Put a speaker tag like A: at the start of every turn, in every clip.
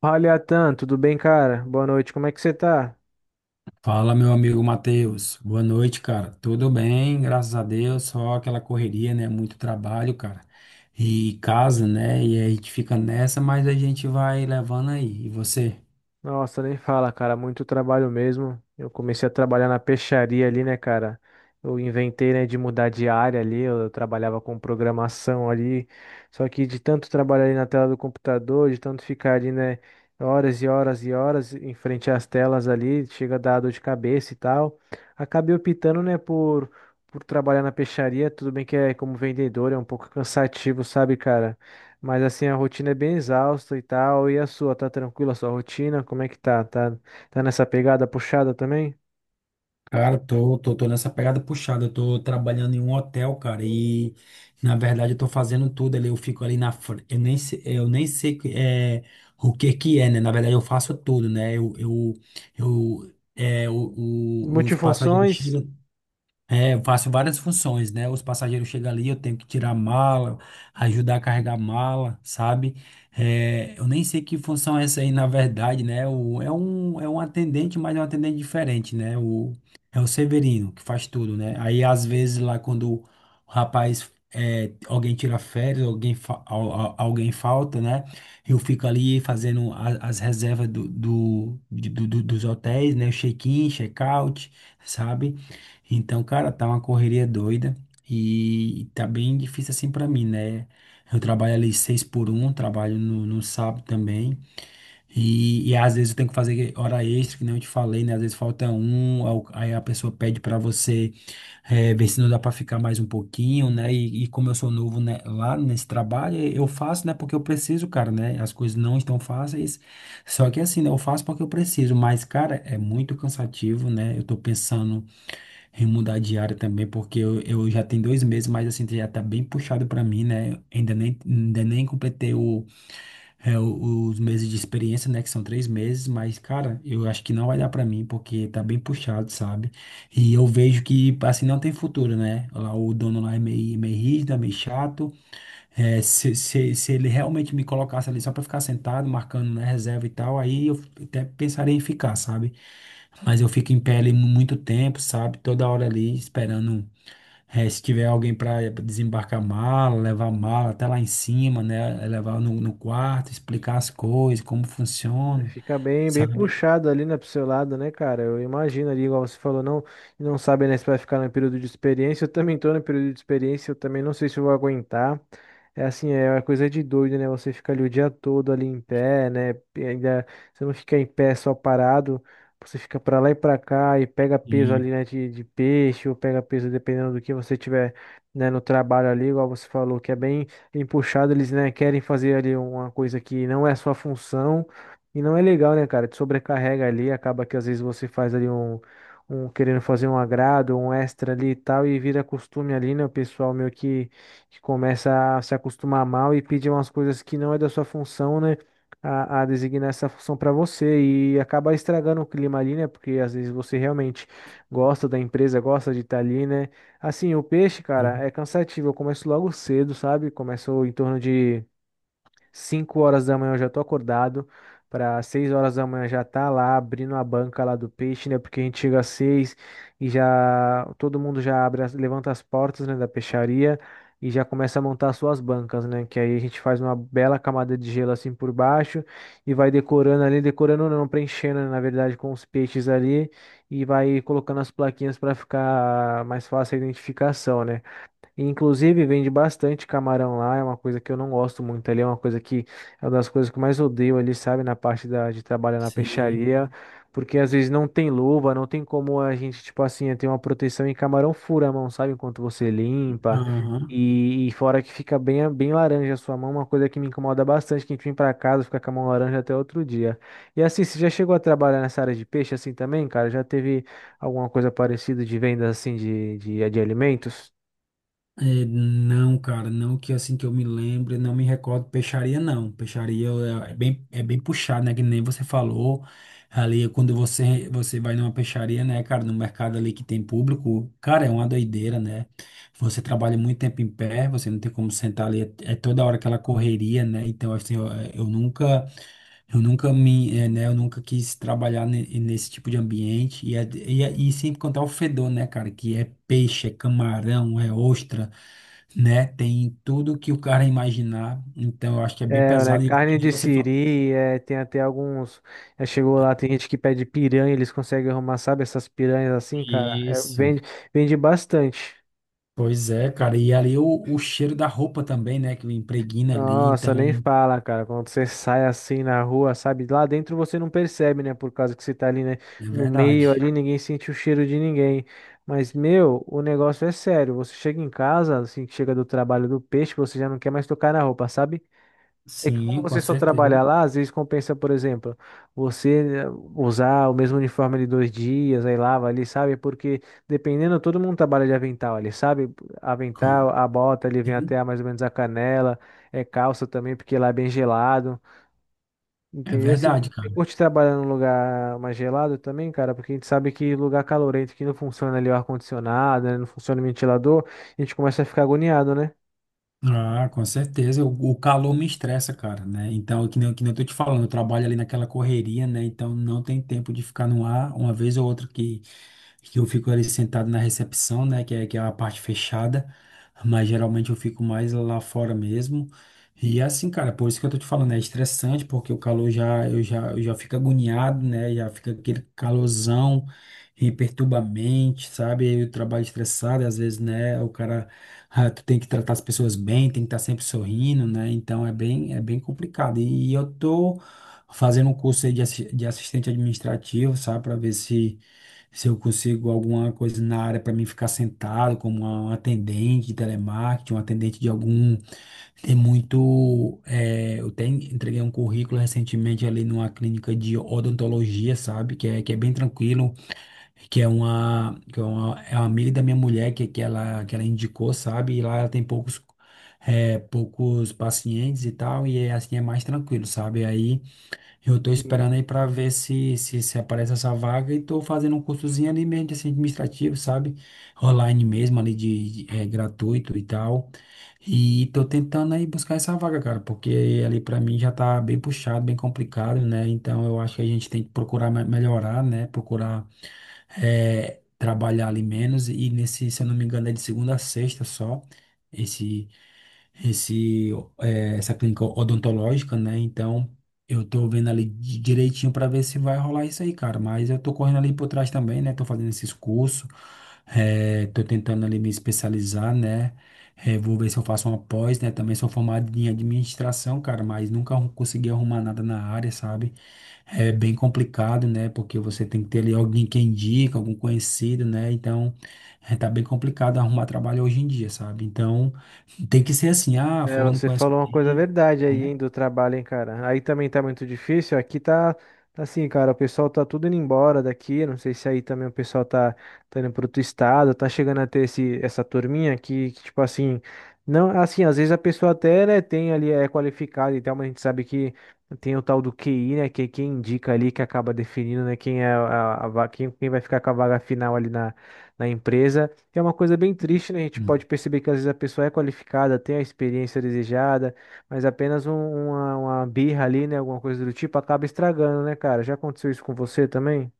A: Fala, Atan, tudo bem, cara? Boa noite, como é que você tá?
B: Fala, meu amigo Matheus. Boa noite, cara. Tudo bem, graças a Deus. Só aquela correria, né? Muito trabalho, cara. E casa, né? E a gente fica nessa, mas a gente vai levando aí. E você?
A: Nossa, nem fala, cara, muito trabalho mesmo. Eu comecei a trabalhar na peixaria ali, né, cara? Eu inventei, né, de mudar de área ali, eu trabalhava com programação ali. Só que de tanto trabalhar ali na tela do computador, de tanto ficar ali, né, horas e horas e horas em frente às telas ali, chega a dar dor de cabeça e tal. Acabei optando, né, por trabalhar na peixaria. Tudo bem que é como vendedor, é um pouco cansativo, sabe, cara? Mas assim, a rotina é bem exausta e tal. E a sua, tá tranquila a sua rotina? Como é que tá? Tá, tá nessa pegada puxada também?
B: Cara, tô nessa pegada puxada. Eu tô trabalhando em um hotel, cara. E na verdade eu tô fazendo tudo ali. Eu fico ali na frente. Eu nem sei o que que é, né? Na verdade eu faço tudo, né? Eu, é, o- os passageiros
A: Multifunções?
B: chegam. É, eu faço várias funções, né? Os passageiros chegam ali, eu tenho que tirar a mala, ajudar a carregar a mala, sabe? É, eu nem sei que função é essa aí, na verdade, né? É um atendente, mas é um atendente diferente, né? É o Severino que faz tudo, né? Aí, às vezes, lá quando o rapaz, é, alguém tira férias, alguém, fa- al- al- alguém falta, né? Eu fico ali fazendo as reservas do, do, de- do, do- dos hotéis, né? Check-in, check-out, sabe? Então, cara, tá uma correria doida e tá bem difícil assim pra mim, né? Eu trabalho ali 6x1, trabalho no sábado também. E às vezes eu tenho que fazer hora extra, que nem eu te falei, né? Às vezes falta um, aí a pessoa pede pra você ver se não dá pra ficar mais um pouquinho, né? E como eu sou novo, né, lá nesse trabalho, eu faço, né? Porque eu preciso, cara, né? As coisas não estão fáceis. Só que assim, né? Eu faço porque eu preciso. Mas, cara, é muito cansativo, né? Eu tô pensando em mudar de área também, porque eu já tenho 2 meses, mas assim, já tá bem puxado pra mim, né? Ainda nem completei os meses de experiência, né? Que são 3 meses, mas, cara, eu acho que não vai dar pra mim, porque tá bem puxado, sabe? E eu vejo que, assim, não tem futuro, né? Lá, o dono lá é meio rígido, é meio chato, se ele realmente me colocasse ali só para ficar sentado, marcando, né, reserva e tal, aí eu até pensaria em ficar, sabe? Mas eu fico em pé ali muito tempo, sabe? Toda hora ali esperando, é, se tiver alguém para desembarcar a mala, levar a mala até lá em cima, né? Levar no quarto, explicar as coisas, como funciona,
A: Fica bem, bem
B: sabe?
A: puxado ali, né, pro seu lado, né, cara? Eu imagino ali, igual você falou, não, não sabe, né, se vai ficar no período de experiência. Eu também tô no período de experiência, eu também não sei se eu vou aguentar. É assim, é uma coisa de doido, né? Você fica ali o dia todo ali em pé, né? E ainda você não fica em pé só parado, você fica pra lá e pra cá e pega peso
B: E,
A: ali, né, de peixe, ou pega peso dependendo do que você tiver, né, no trabalho ali, igual você falou, que é bem, bem puxado, eles, né, querem fazer ali uma coisa que não é a sua função. E não é legal, né, cara? Te sobrecarrega ali, acaba que às vezes você faz ali um, um querendo fazer um agrado, um extra ali e tal, e vira costume ali, né? O pessoal meio que começa a se acostumar mal e pedir umas coisas que não é da sua função, né? A designar essa função para você e acaba estragando o clima ali, né? Porque às vezes você realmente gosta da empresa, gosta de estar ali, né? Assim, o peixe, cara, é cansativo. Eu começo logo cedo, sabe? Começo em torno de 5 horas da manhã eu já tô acordado, para 6 horas da manhã já tá lá abrindo a banca lá do peixe, né? Porque a gente chega às 6 e já todo mundo já abre, as- levanta as portas, né, da peixaria e já começa a montar as suas bancas, né? Que aí a gente faz uma bela camada de gelo assim por baixo e vai decorando ali, decorando não, preenchendo, né, na verdade, com os peixes ali e vai colocando as plaquinhas para ficar mais fácil a identificação, né? Inclusive, vende bastante camarão lá, é uma coisa que eu não gosto muito ali, é uma coisa que é uma das coisas que eu mais odeio ali, sabe, na parte da, de trabalhar na
B: sim.
A: peixaria, porque às vezes não tem luva, não tem como a gente, tipo assim, ter uma proteção e camarão fura a mão, sabe, enquanto você limpa,
B: Aham.
A: e fora que fica bem, bem laranja a sua mão, uma coisa que me incomoda bastante, que a gente vem pra casa, fica com a mão laranja até outro dia. E assim, você já chegou a trabalhar nessa área de peixe assim também, cara? Já teve alguma coisa parecida de venda assim de, de alimentos?
B: É, não, cara, não que assim que eu me lembre, não me recordo, peixaria não, peixaria é bem puxado, né, que nem você falou, ali quando você vai numa peixaria, né, cara, no mercado ali que tem público, cara, é uma doideira, né, você trabalha muito tempo em pé, você não tem como sentar ali, é, é toda hora aquela correria, né, então assim, eu nunca, eu nunca eu nunca quis trabalhar nesse tipo de ambiente e sem contar o fedor, né, cara, que é peixe, é camarão, é ostra, né, tem tudo que o cara imaginar. Então, eu acho que é bem
A: É, né?
B: pesado e que
A: Carne
B: nem
A: de
B: você fala
A: siri, é, tem até alguns. Já chegou lá, tem gente que pede piranha, eles conseguem arrumar, sabe, essas piranhas assim, cara. É, vende,
B: isso.
A: vende bastante.
B: Pois é, cara, e ali o cheiro da roupa também, né, que impregna ali,
A: Nossa, nem
B: então,
A: fala, cara. Quando você sai assim na rua, sabe? Lá dentro você não percebe, né? Por causa que você tá ali, né?
B: é
A: No meio
B: verdade.
A: ali, ninguém sente o cheiro de ninguém. Mas, meu, o negócio é sério. Você chega em casa, assim, que chega do trabalho do peixe, você já não quer mais tocar na roupa, sabe? É que como
B: Sim, com
A: você só
B: certeza.
A: trabalhar lá, às vezes compensa, por exemplo, você usar o mesmo uniforme ali 2 dias, aí lava ali, sabe? Porque dependendo, todo mundo trabalha de avental ali, sabe? Avental,
B: Com-
A: a bota ali vem
B: Sim,
A: até a- mais ou menos a canela, é calça também, porque lá é bem gelado,
B: é
A: entendeu? Se
B: verdade,
A: você
B: cara.
A: curte trabalhar num lugar mais gelado também, cara, porque a gente sabe que lugar calorento que não funciona ali o ar-condicionado, né? Não funciona o ventilador, a gente começa a ficar agoniado, né?
B: Ah, com certeza. O calor me estressa, cara, né? Então, que nem eu tô te falando, eu trabalho ali naquela correria, né? Então, não tem tempo de ficar no ar. Uma vez ou outra que eu fico ali sentado na recepção, né? Que é a parte fechada. Mas geralmente eu fico mais lá fora mesmo. E é assim, cara, por isso que eu tô te falando, é estressante, porque o calor já, eu já fico agoniado, né? Já fica aquele calorzão e perturba a mente, sabe? E o trabalho estressado, às vezes, né? O cara, ah, tu tem que tratar as pessoas bem, tem que estar sempre sorrindo, né? Então é bem complicado. E, eu tô fazendo um curso aí de assistente administrativo, sabe? Para ver se eu consigo alguma coisa na área para mim ficar sentado como um atendente de telemarketing, um atendente de algum. Tem muito. Eu tenho, entreguei um currículo recentemente ali numa clínica de odontologia, sabe? Que é bem tranquilo que é é uma amiga da minha mulher que ela indicou, sabe? E lá ela tem poucos, é, poucos pacientes e tal, e é, assim é mais tranquilo, sabe? Aí eu tô esperando
A: Sim.
B: aí pra ver se aparece essa vaga e tô fazendo um cursozinho ali mesmo de assim, administrativo, sabe? Online mesmo, ali gratuito e tal. E tô tentando aí buscar essa vaga, cara, porque ali pra mim já tá bem puxado, bem complicado, né? Então eu acho que a gente tem que procurar melhorar, né? Procurar é, trabalhar ali menos e nesse, se eu não me engano, é de segunda a sexta só, esse, esse, essa clínica odontológica, né? Então, eu tô vendo ali direitinho para ver se vai rolar isso aí, cara, mas eu tô correndo ali por trás também, né? Tô fazendo esses cursos, é, tô tentando ali me especializar, né? É, vou ver se eu faço uma pós, né? Também sou formado em administração, cara, mas nunca consegui arrumar nada na área, sabe? É bem complicado, né? Porque você tem que ter ali alguém que indica, algum conhecido, né? Então, é, tá bem complicado arrumar trabalho hoje em dia, sabe? Então, tem que ser assim, ah,
A: É,
B: fulano
A: você
B: conhece
A: falou uma coisa
B: alguém,
A: verdade aí,
B: né?
A: hein, do trabalho, hein, cara. Aí também tá muito difícil. Aqui tá, tá assim, cara, o pessoal tá tudo indo embora daqui. Não sei se aí também o pessoal tá, tá indo pro outro estado, tá chegando a ter esse, essa turminha que, tipo assim, não, assim, às vezes a pessoa até, né, tem ali, é qualificada e tal, mas a gente sabe que tem o tal do QI, né, que é quem indica ali, que acaba definindo, né, quem é a, va- quem, quem vai ficar com a vaga final ali na, na empresa. Que é uma coisa bem triste, né? A gente
B: Hum.
A: pode perceber que às vezes a pessoa é qualificada, tem a experiência desejada, mas apenas um- uma birra ali, né? Alguma coisa do tipo, acaba estragando, né, cara? Já aconteceu isso com você também?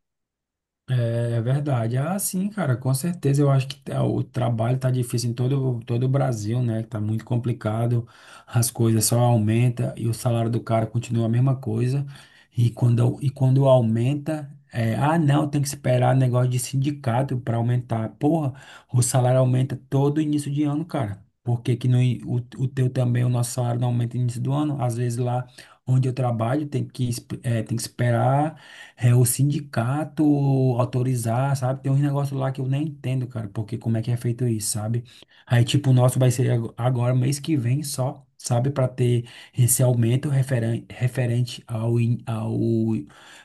B: É, é verdade. Ah, sim, cara, com certeza. Eu acho que tá- O trabalho tá difícil em todo o Brasil, né? Tá muito complicado, as coisas só aumentam e o salário do cara continua a mesma coisa. E quando aumenta, é, ah, não, tem que esperar negócio de sindicato para aumentar. Porra, o salário aumenta todo início de ano, cara. Por que que não, o teu também, o nosso salário não aumenta no início do ano? Às vezes lá onde eu trabalho tem tem que esperar é o sindicato autorizar, sabe? Tem uns negócios lá que eu nem entendo, cara, porque como é que é feito isso, sabe? Aí, tipo, o nosso vai ser agora, mês que vem só, sabe? Para ter esse aumento referente ao, in- ao,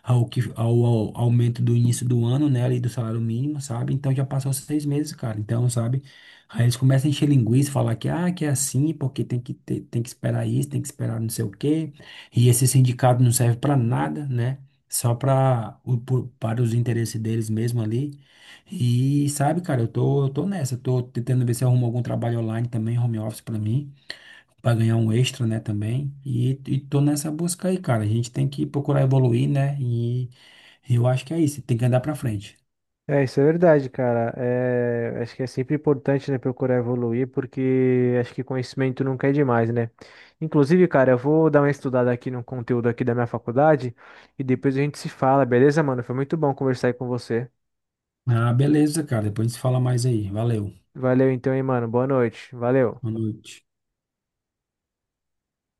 B: ao, que, ao, ao aumento do início do ano, né? Ali do salário mínimo, sabe? Então já passou 6 meses, cara. Então, sabe? Aí eles começam a encher linguiça, falar que, ah, que é assim, porque tem que ter, tem que esperar isso, tem que esperar não sei o quê. E esse sindicato não serve para nada, né? só para o- para os interesses deles mesmo ali. E sabe, cara, eu tô nessa, eu tô tentando ver se eu arrumo algum trabalho online também, home office para mim, para ganhar um extra, né, também. E tô nessa busca aí, cara. A gente tem que procurar evoluir, né? E eu acho que é isso, tem que andar para frente.
A: É, isso é verdade, cara. É, acho que é sempre importante, né, procurar evoluir, porque acho que conhecimento nunca é demais, né? Inclusive, cara, eu vou dar uma estudada aqui no conteúdo aqui da minha faculdade e depois a gente se fala, beleza, mano? Foi muito bom conversar aí com você.
B: Ah, beleza, cara. Depois a gente se fala mais aí. Valeu.
A: Valeu então, hein, mano. Boa noite. Valeu.
B: Boa noite.